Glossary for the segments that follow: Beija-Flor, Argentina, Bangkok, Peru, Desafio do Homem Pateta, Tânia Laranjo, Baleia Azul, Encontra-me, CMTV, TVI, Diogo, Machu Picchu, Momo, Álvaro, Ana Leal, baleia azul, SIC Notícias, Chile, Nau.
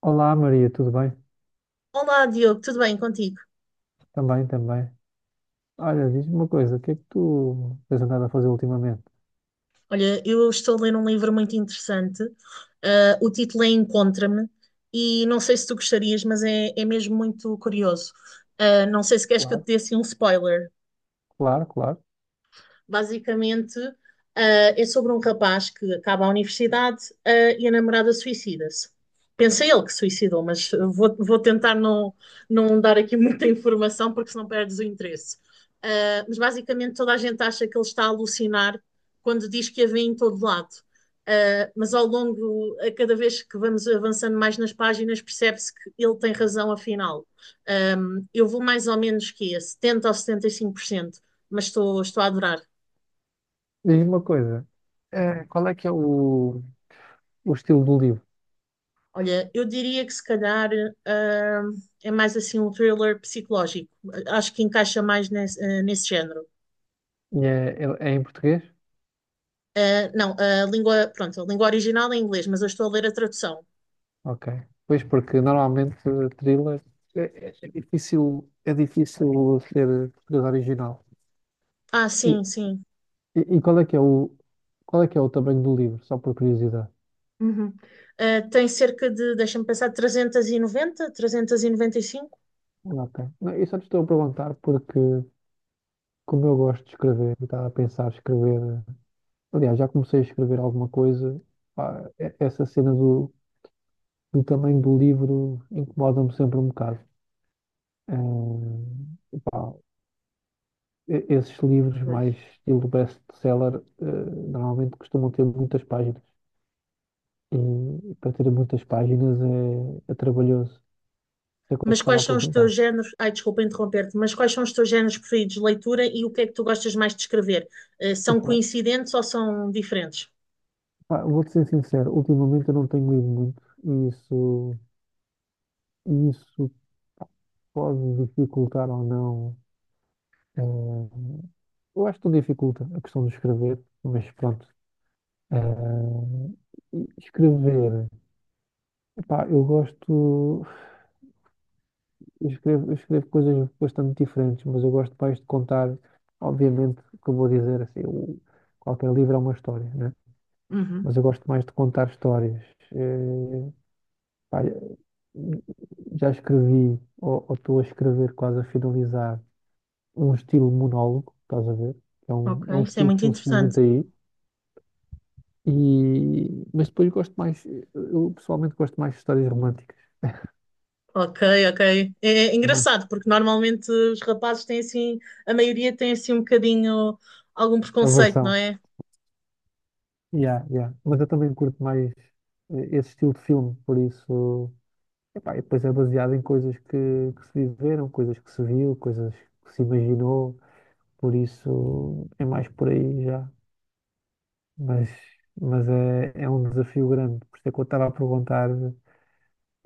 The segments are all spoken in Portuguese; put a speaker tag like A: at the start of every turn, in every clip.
A: Olá Maria, tudo bem?
B: Olá, Diogo, tudo bem contigo?
A: Também, também. Olha, diz-me uma coisa, o que é que tu tens andado a fazer ultimamente?
B: Olha, eu estou a ler um livro muito interessante. Ah, o título é Encontra-me e não sei se tu gostarias, mas é mesmo muito curioso. Ah, não sei se queres que eu te
A: Claro,
B: dê assim um spoiler.
A: claro, claro.
B: Basicamente é sobre um rapaz que acaba a universidade e a namorada suicida-se. Pensa ele que se suicidou, mas vou tentar não dar aqui muita informação porque senão perdes o interesse. Mas basicamente toda a gente acha que ele está a alucinar quando diz que a vê em todo lado. Mas ao longo, a cada vez que vamos avançando mais nas páginas, percebe-se que ele tem razão, afinal. Eu vou mais ou menos que a 70% ou 75%, mas estou a adorar.
A: Diz-me uma coisa, qual é que é o estilo do livro?
B: Olha, eu diria que se calhar ah, é mais assim um thriller psicológico. Acho que encaixa mais nesse género.
A: E é, é em português?
B: Ah, não, a língua, pronto, a língua original é inglês, mas eu estou a ler a tradução.
A: Ok. Pois, porque normalmente thriller é, é difícil ser português original.
B: Ah,
A: E,
B: sim, sim.
A: e qual é que é qual é que é o tamanho do livro? Só por curiosidade.
B: Uhum. Ah, tem cerca de, deixa-me pensar, 390, 395.
A: Ok. Não, eu só te estou a perguntar porque, como eu gosto de escrever, eu estava a pensar em escrever. Aliás, já comecei a escrever alguma coisa. Pá, essa cena do tamanho do livro incomoda-me sempre um bocado. Eh, pá, Esses livros
B: Pois.
A: mais estilo best-seller, normalmente costumam ter muitas páginas. E para ter muitas páginas é, é trabalhoso. É quando
B: Mas
A: estava
B: quais
A: a
B: são os teus
A: perguntar.
B: géneros? Ai, desculpa interromper-te, mas quais são os teus géneros preferidos de leitura e o que é que tu gostas mais de escrever? Eh, são
A: Epá,
B: coincidentes ou são diferentes?
A: pá, vou-te ser sincero, ultimamente eu não tenho lido muito e isso pode dificultar ou não. Eh, eu acho que tudo dificulta a questão de escrever, mas pronto. Eh, escrever, epá, eu gosto, eu escrevo coisas bastante diferentes, mas eu gosto mais de contar, obviamente, o que eu vou dizer, assim, qualquer livro é uma história, né?
B: Uhum,
A: Mas eu gosto mais de contar histórias. Eh, pá, já escrevi, ou estou a escrever quase a finalizar, um estilo monólogo, estás a ver? É um
B: ok, isso é
A: estilo que
B: muito
A: não se vê muito
B: interessante.
A: aí. E, mas depois gosto mais, eu pessoalmente gosto mais de histórias românticas.
B: Ok, ok. É
A: É uma
B: engraçado, porque normalmente os rapazes têm assim, a maioria tem assim um bocadinho algum
A: a
B: preconceito, não é?
A: Yeah, yeah. Mas eu também curto mais esse estilo de filme, por isso. Epá, e depois é baseado em coisas que se viveram, coisas que se viu, coisas que se imaginou, por isso é mais por aí já. Mas, mas é, é um desafio grande, por isso é que eu estava a perguntar,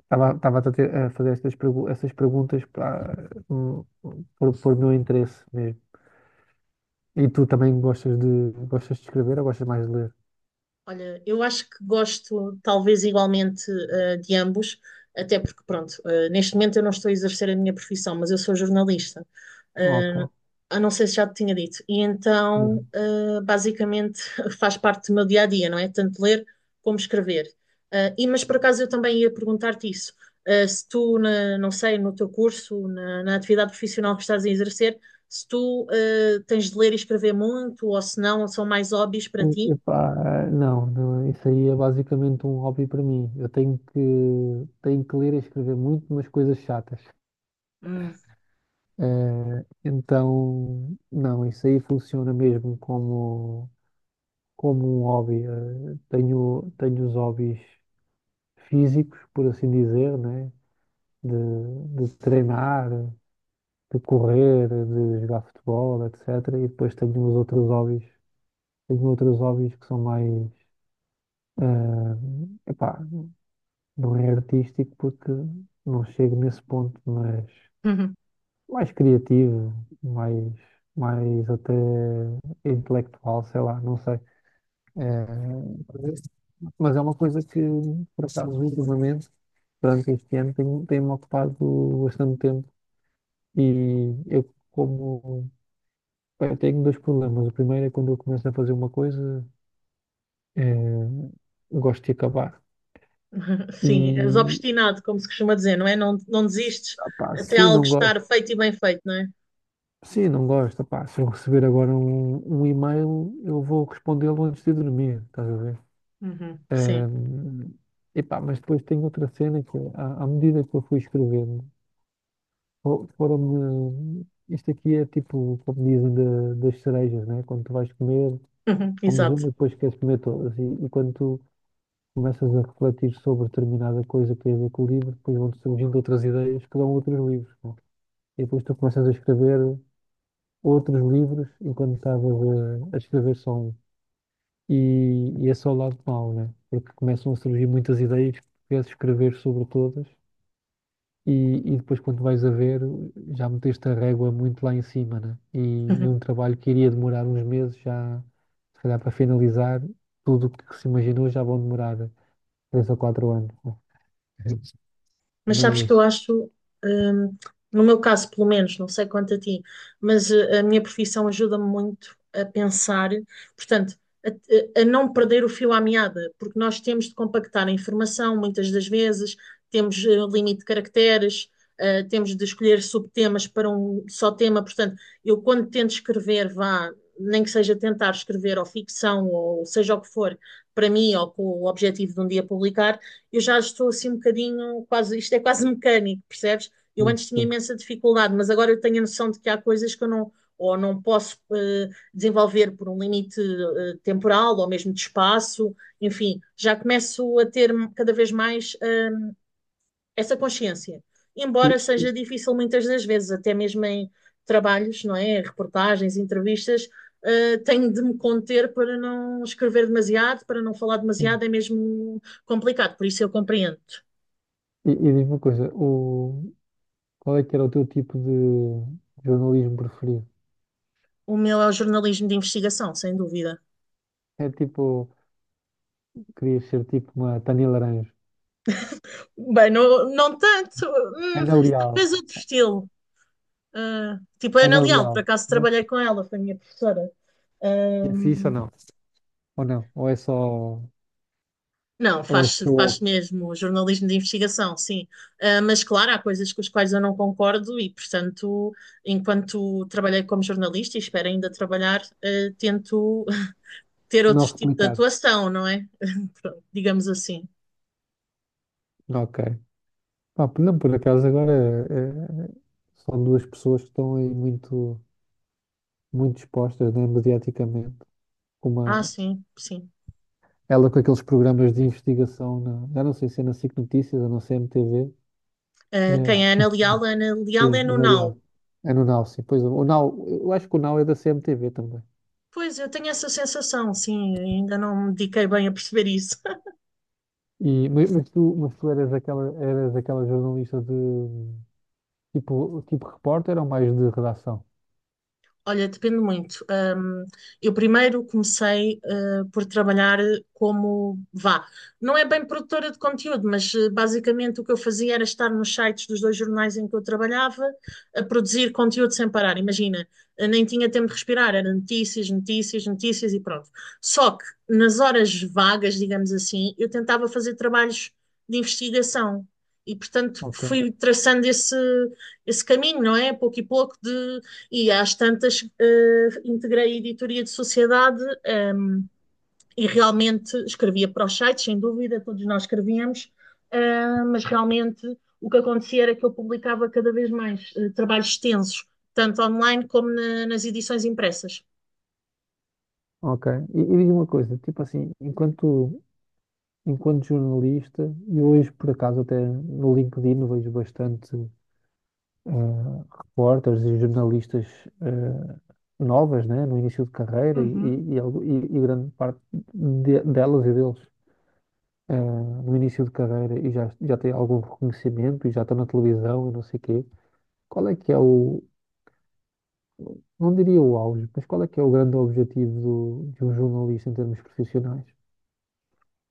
A: a fazer essas perguntas para, por meu interesse mesmo. E tu também gostas de escrever ou gostas mais de ler?
B: Olha, eu acho que gosto talvez igualmente eh, de ambos, até porque, pronto, eh, neste momento eu não estou a exercer a minha profissão, mas eu sou jornalista. Eh,
A: Ok.
B: eu não sei se já te tinha dito. E então,
A: Hum.
B: eh, basicamente, faz parte do meu dia a dia, não é? Tanto ler como escrever. Eh, e, mas por acaso eu também ia perguntar-te isso. Eh, se tu, não sei, no teu curso, na atividade profissional que estás a exercer, se tu tens de ler e escrever muito, ou se não, são mais hobbies para ti?
A: Epá, não, não, isso aí é basicamente um hobby para mim. Eu tenho que ler e escrever muito, mas coisas chatas. Então, não, isso aí funciona mesmo como como um hobby. Eh, tenho os hobbies físicos, por assim dizer, né? De, de treinar, de correr, de jogar futebol, etc. E depois tenho os outros hobbies. Tenho outros hobbies que são mais, ah, epá, não é artístico porque não chego nesse ponto, mas
B: Uhum.
A: mais criativo, mais, mais até intelectual, sei lá, não sei. Eh, mas é uma coisa que, por acaso, ultimamente, durante este ano, tem-me ocupado bastante tempo e eu como... Bem, eu tenho dois problemas. O primeiro é quando eu começo a fazer uma coisa, eh, gosto de acabar.
B: Sim, és
A: E,
B: obstinado, como se costuma dizer, não é? Não, não desistes
A: ah, pá,
B: até
A: se
B: algo
A: não gosto,
B: estar feito e bem feito, não é?
A: se não gosto, pá, se eu receber agora um e-mail, eu vou respondê-lo antes de dormir, estás a ver?
B: Uhum. Sim.
A: Ahm, epá, mas depois tem outra cena que, é, à medida que eu fui escrevendo, foram-me. Isto aqui é tipo, como dizem, das cerejas, né? Quando tu vais comer, comes uma
B: Exato.
A: e depois queres comer todas. E quando tu começas a refletir sobre determinada coisa que tem a ver com o livro, depois vão-te surgindo outras ideias que dão outros livros. Não é? E depois tu começas a escrever outros livros enquanto estava a escrever solo. E esse é o lado mau, né? Porque começam a surgir muitas ideias que queres escrever sobre todas e, e depois quando vais a ver já meteste a régua muito lá em cima, né? E é um trabalho que iria demorar uns meses já, se calhar para finalizar, tudo o que se imaginou já vão demorar três ou quatro anos. Né?
B: Mas sabes que eu
A: Mas,
B: acho, hum, no meu caso pelo menos, não sei quanto a ti, mas eh, a minha profissão ajuda-me muito a pensar, portanto, a não perder o fio à meada, porque nós temos de compactar a informação muitas das vezes, temos limite de caracteres, eh, temos de escolher subtemas para um só tema, portanto, eu quando tento escrever, vá, nem que seja tentar escrever ou ficção ou seja o que for, para mim ou com o objetivo de um dia publicar eu já estou assim um bocadinho, quase, isto é quase mecânico, percebes? Eu antes tinha
A: pronto.
B: imensa dificuldade, mas agora eu tenho a noção de que há coisas que eu não, ou não posso desenvolver por um limite temporal ou mesmo de espaço, enfim, já começo a ter cada vez mais essa consciência.
A: e,
B: Embora seja difícil muitas das vezes, até mesmo em trabalhos, não é? Reportagens, entrevistas, eh, tenho de me conter para não escrever demasiado, para não falar demasiado, é mesmo complicado, por isso eu compreendo.
A: e diz-me uma coisa, qual é que era o teu tipo de jornalismo preferido?
B: O meu é o jornalismo de investigação, sem dúvida.
A: É tipo, querias ser tipo uma Tânia Laranjo.
B: Bem, não, não tanto,
A: Ana Leal,
B: talvez outro estilo. Ah, tipo a Ana
A: Ana
B: Leal, por
A: Leal,
B: acaso
A: né?
B: trabalhei com ela, foi a minha professora.
A: E é fixe ou
B: Ahm,
A: não? Ou não?
B: não,
A: Ou é
B: faz,
A: só
B: faz mesmo jornalismo de investigação, sim. Ah, mas claro, há coisas com as quais eu não concordo e, portanto, enquanto trabalhei como jornalista e espero ainda trabalhar, ah, tento ter
A: não
B: outro tipo de
A: replicar?
B: atuação, não é? Pronto, digamos assim.
A: Ok. Pá, não, por acaso agora são duas pessoas que estão aí muito, muito expostas, né, mediaticamente.
B: Ah,
A: Uma,
B: sim, sim.
A: ela com aqueles programas de investigação, na, já não sei se é na SIC Notícias ou na CMTV.
B: Ah,
A: É,
B: quem é Ana Leal? Ana Leal é
A: sim, é
B: no
A: na
B: Now.
A: Real. É no Nau, sim. Pois, o Nau, eu acho que o Nau é da CMTV também.
B: Pois, eu tenho essa sensação, sim, ainda não me dediquei bem a perceber isso.
A: Mas tu, eras aquela jornalista de tipo, tipo repórter ou mais de redação?
B: Olha, depende muito. Eu primeiro comecei, eh, por trabalhar como, vá, não é bem produtora de conteúdo, mas eh, basicamente o que eu fazia era estar nos sites dos dois jornais em que eu trabalhava, a produzir conteúdo sem parar. Imagina, eh, nem tinha tempo de respirar, era notícias, notícias, notícias e pronto. Só que nas horas vagas, digamos assim, eu tentava fazer trabalhos de investigação. E, portanto,
A: Ok,
B: fui traçando esse caminho, não é? Pouco e pouco de e às tantas, eh, integrei a editoria de sociedade, e realmente escrevia para os sites, sem dúvida, todos nós escrevíamos, eh, mas realmente o que acontecia era que eu publicava cada vez mais trabalhos extensos, tanto online como nas edições impressas.
A: ok. E diz-me uma coisa, tipo assim, enquanto jornalista, e hoje por acaso até no LinkedIn vejo bastante repórteres e jornalistas eh, novas, né, no início de carreira
B: Uhum.
A: e grande parte delas e deles, eh, no início de carreira e já, já tem algum reconhecimento e já estão na televisão e não sei quê. Qual é que é não diria o auge, mas qual é que é o grande objetivo de um jornalista em termos profissionais?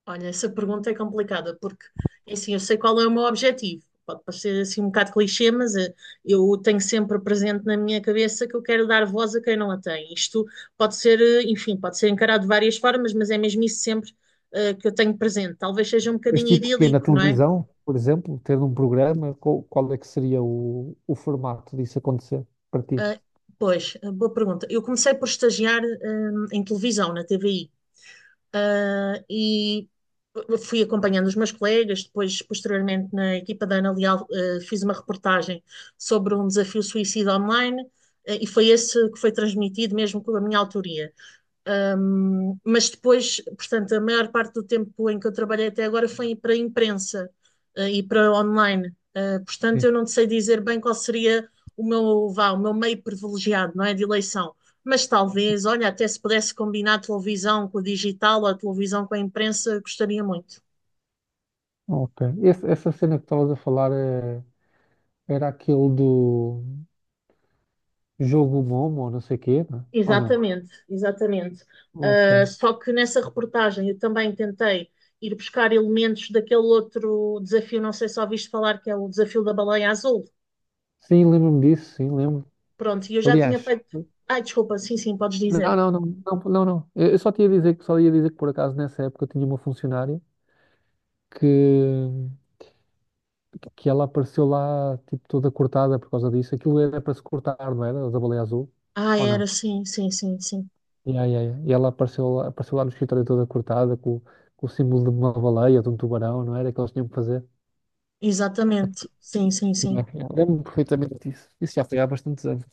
B: Olha, essa pergunta é complicada, porque é assim, eu sei qual é o meu objetivo. Pode parecer assim um bocado clichê, mas eh, eu tenho sempre presente na minha cabeça que eu quero dar voz a quem não a tem. Isto pode ser, eh, enfim, pode ser encarado de várias formas, mas é mesmo isso sempre que eu tenho presente. Talvez seja um
A: Mas
B: bocadinho
A: tipo que na
B: idílico, não é?
A: televisão, por exemplo, tendo um programa, qual é que seria o formato disso acontecer para ti?
B: Ah, pois, eh, boa pergunta. Eu comecei por estagiar, em televisão, na TVI. Ah, e fui acompanhando os meus colegas, depois, posteriormente, na equipa da Ana Leal, eh, fiz uma reportagem sobre um desafio suicida online, eh, e foi esse que foi transmitido mesmo com a minha autoria. Mas depois, portanto, a maior parte do tempo em que eu trabalhei até agora foi para a imprensa e para online. Portanto,
A: Sim.
B: eu não sei dizer bem qual seria o meu, vá, o meu meio privilegiado, não é, de eleição. Mas talvez, olha, até se pudesse combinar a televisão com o digital ou a televisão com a imprensa, gostaria muito.
A: Ok. Essa cena que estavas a falar era aquele do jogo Momo, ou não sei o quê, não é? Ou não?
B: Exatamente, exatamente.
A: Ok.
B: Só que nessa reportagem eu também tentei ir buscar elementos daquele outro desafio, não sei se ouviste falar, que é o desafio da baleia azul.
A: Sim, lembro-me disso, sim, lembro.
B: Pronto, e eu já tinha
A: Aliás,
B: feito. Ai, desculpa, sim, sim, podes
A: não,
B: dizer.
A: não, não, não, não, não. Eu só te ia dizer que só ia dizer que por acaso nessa época eu tinha uma funcionária que, que ela apareceu lá, tipo, toda cortada por causa disso. Aquilo era para se cortar, não era? Da baleia azul?
B: Ah,
A: Ou não?
B: era, sim, sim, sim, sim.
A: Yeah, yeah, yeah. E ela apareceu lá no escritório toda cortada, com o símbolo de uma baleia, de um tubarão, não era? Que eles tinham que fazer.
B: Exatamente. Sim, sim,
A: Yeah,
B: sim.
A: yeah. Lembro-me perfeitamente disso. Isso já foi há bastantes anos.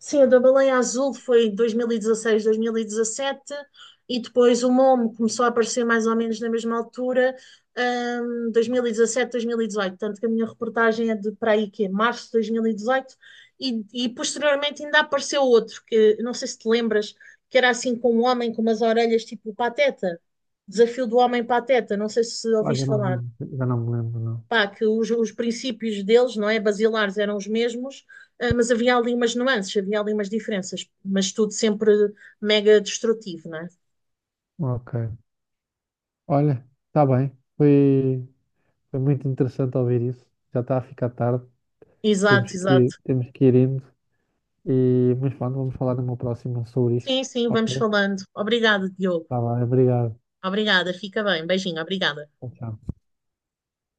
B: Sim, o da Baleia Azul foi 2016, 2017, e dezasseis, 2017, e depois o Momo começou a aparecer mais ou menos na mesma altura, 2017, 2018. Tanto que a minha reportagem é de para aí que é março de 2018, e, dezoito, e posteriormente ainda apareceu outro, que não sei se te lembras, que era assim com um homem com umas orelhas tipo Pateta, Desafio do Homem Pateta, não sei se
A: Ah, já
B: ouviste
A: não me
B: falar
A: lembro, já não me lembro, não.
B: pá, que os princípios deles, não é, basilares eram os mesmos, ah, mas havia ali umas nuances, havia ali umas diferenças, mas tudo sempre mega destrutivo, não é?
A: Ok. Olha, está bem. Foi, foi muito interessante ouvir isso. Já está a ficar tarde.
B: Exato, exato.
A: Temos que ir indo. E, mas pronto, vamos falar no meu próximo sobre isto.
B: Sim, sim, vamos
A: Ok?
B: falando. Obrigada, Diogo.
A: Tá bem, obrigado.
B: Obrigada, fica bem. Beijinho, obrigada.
A: Tchau, tchau.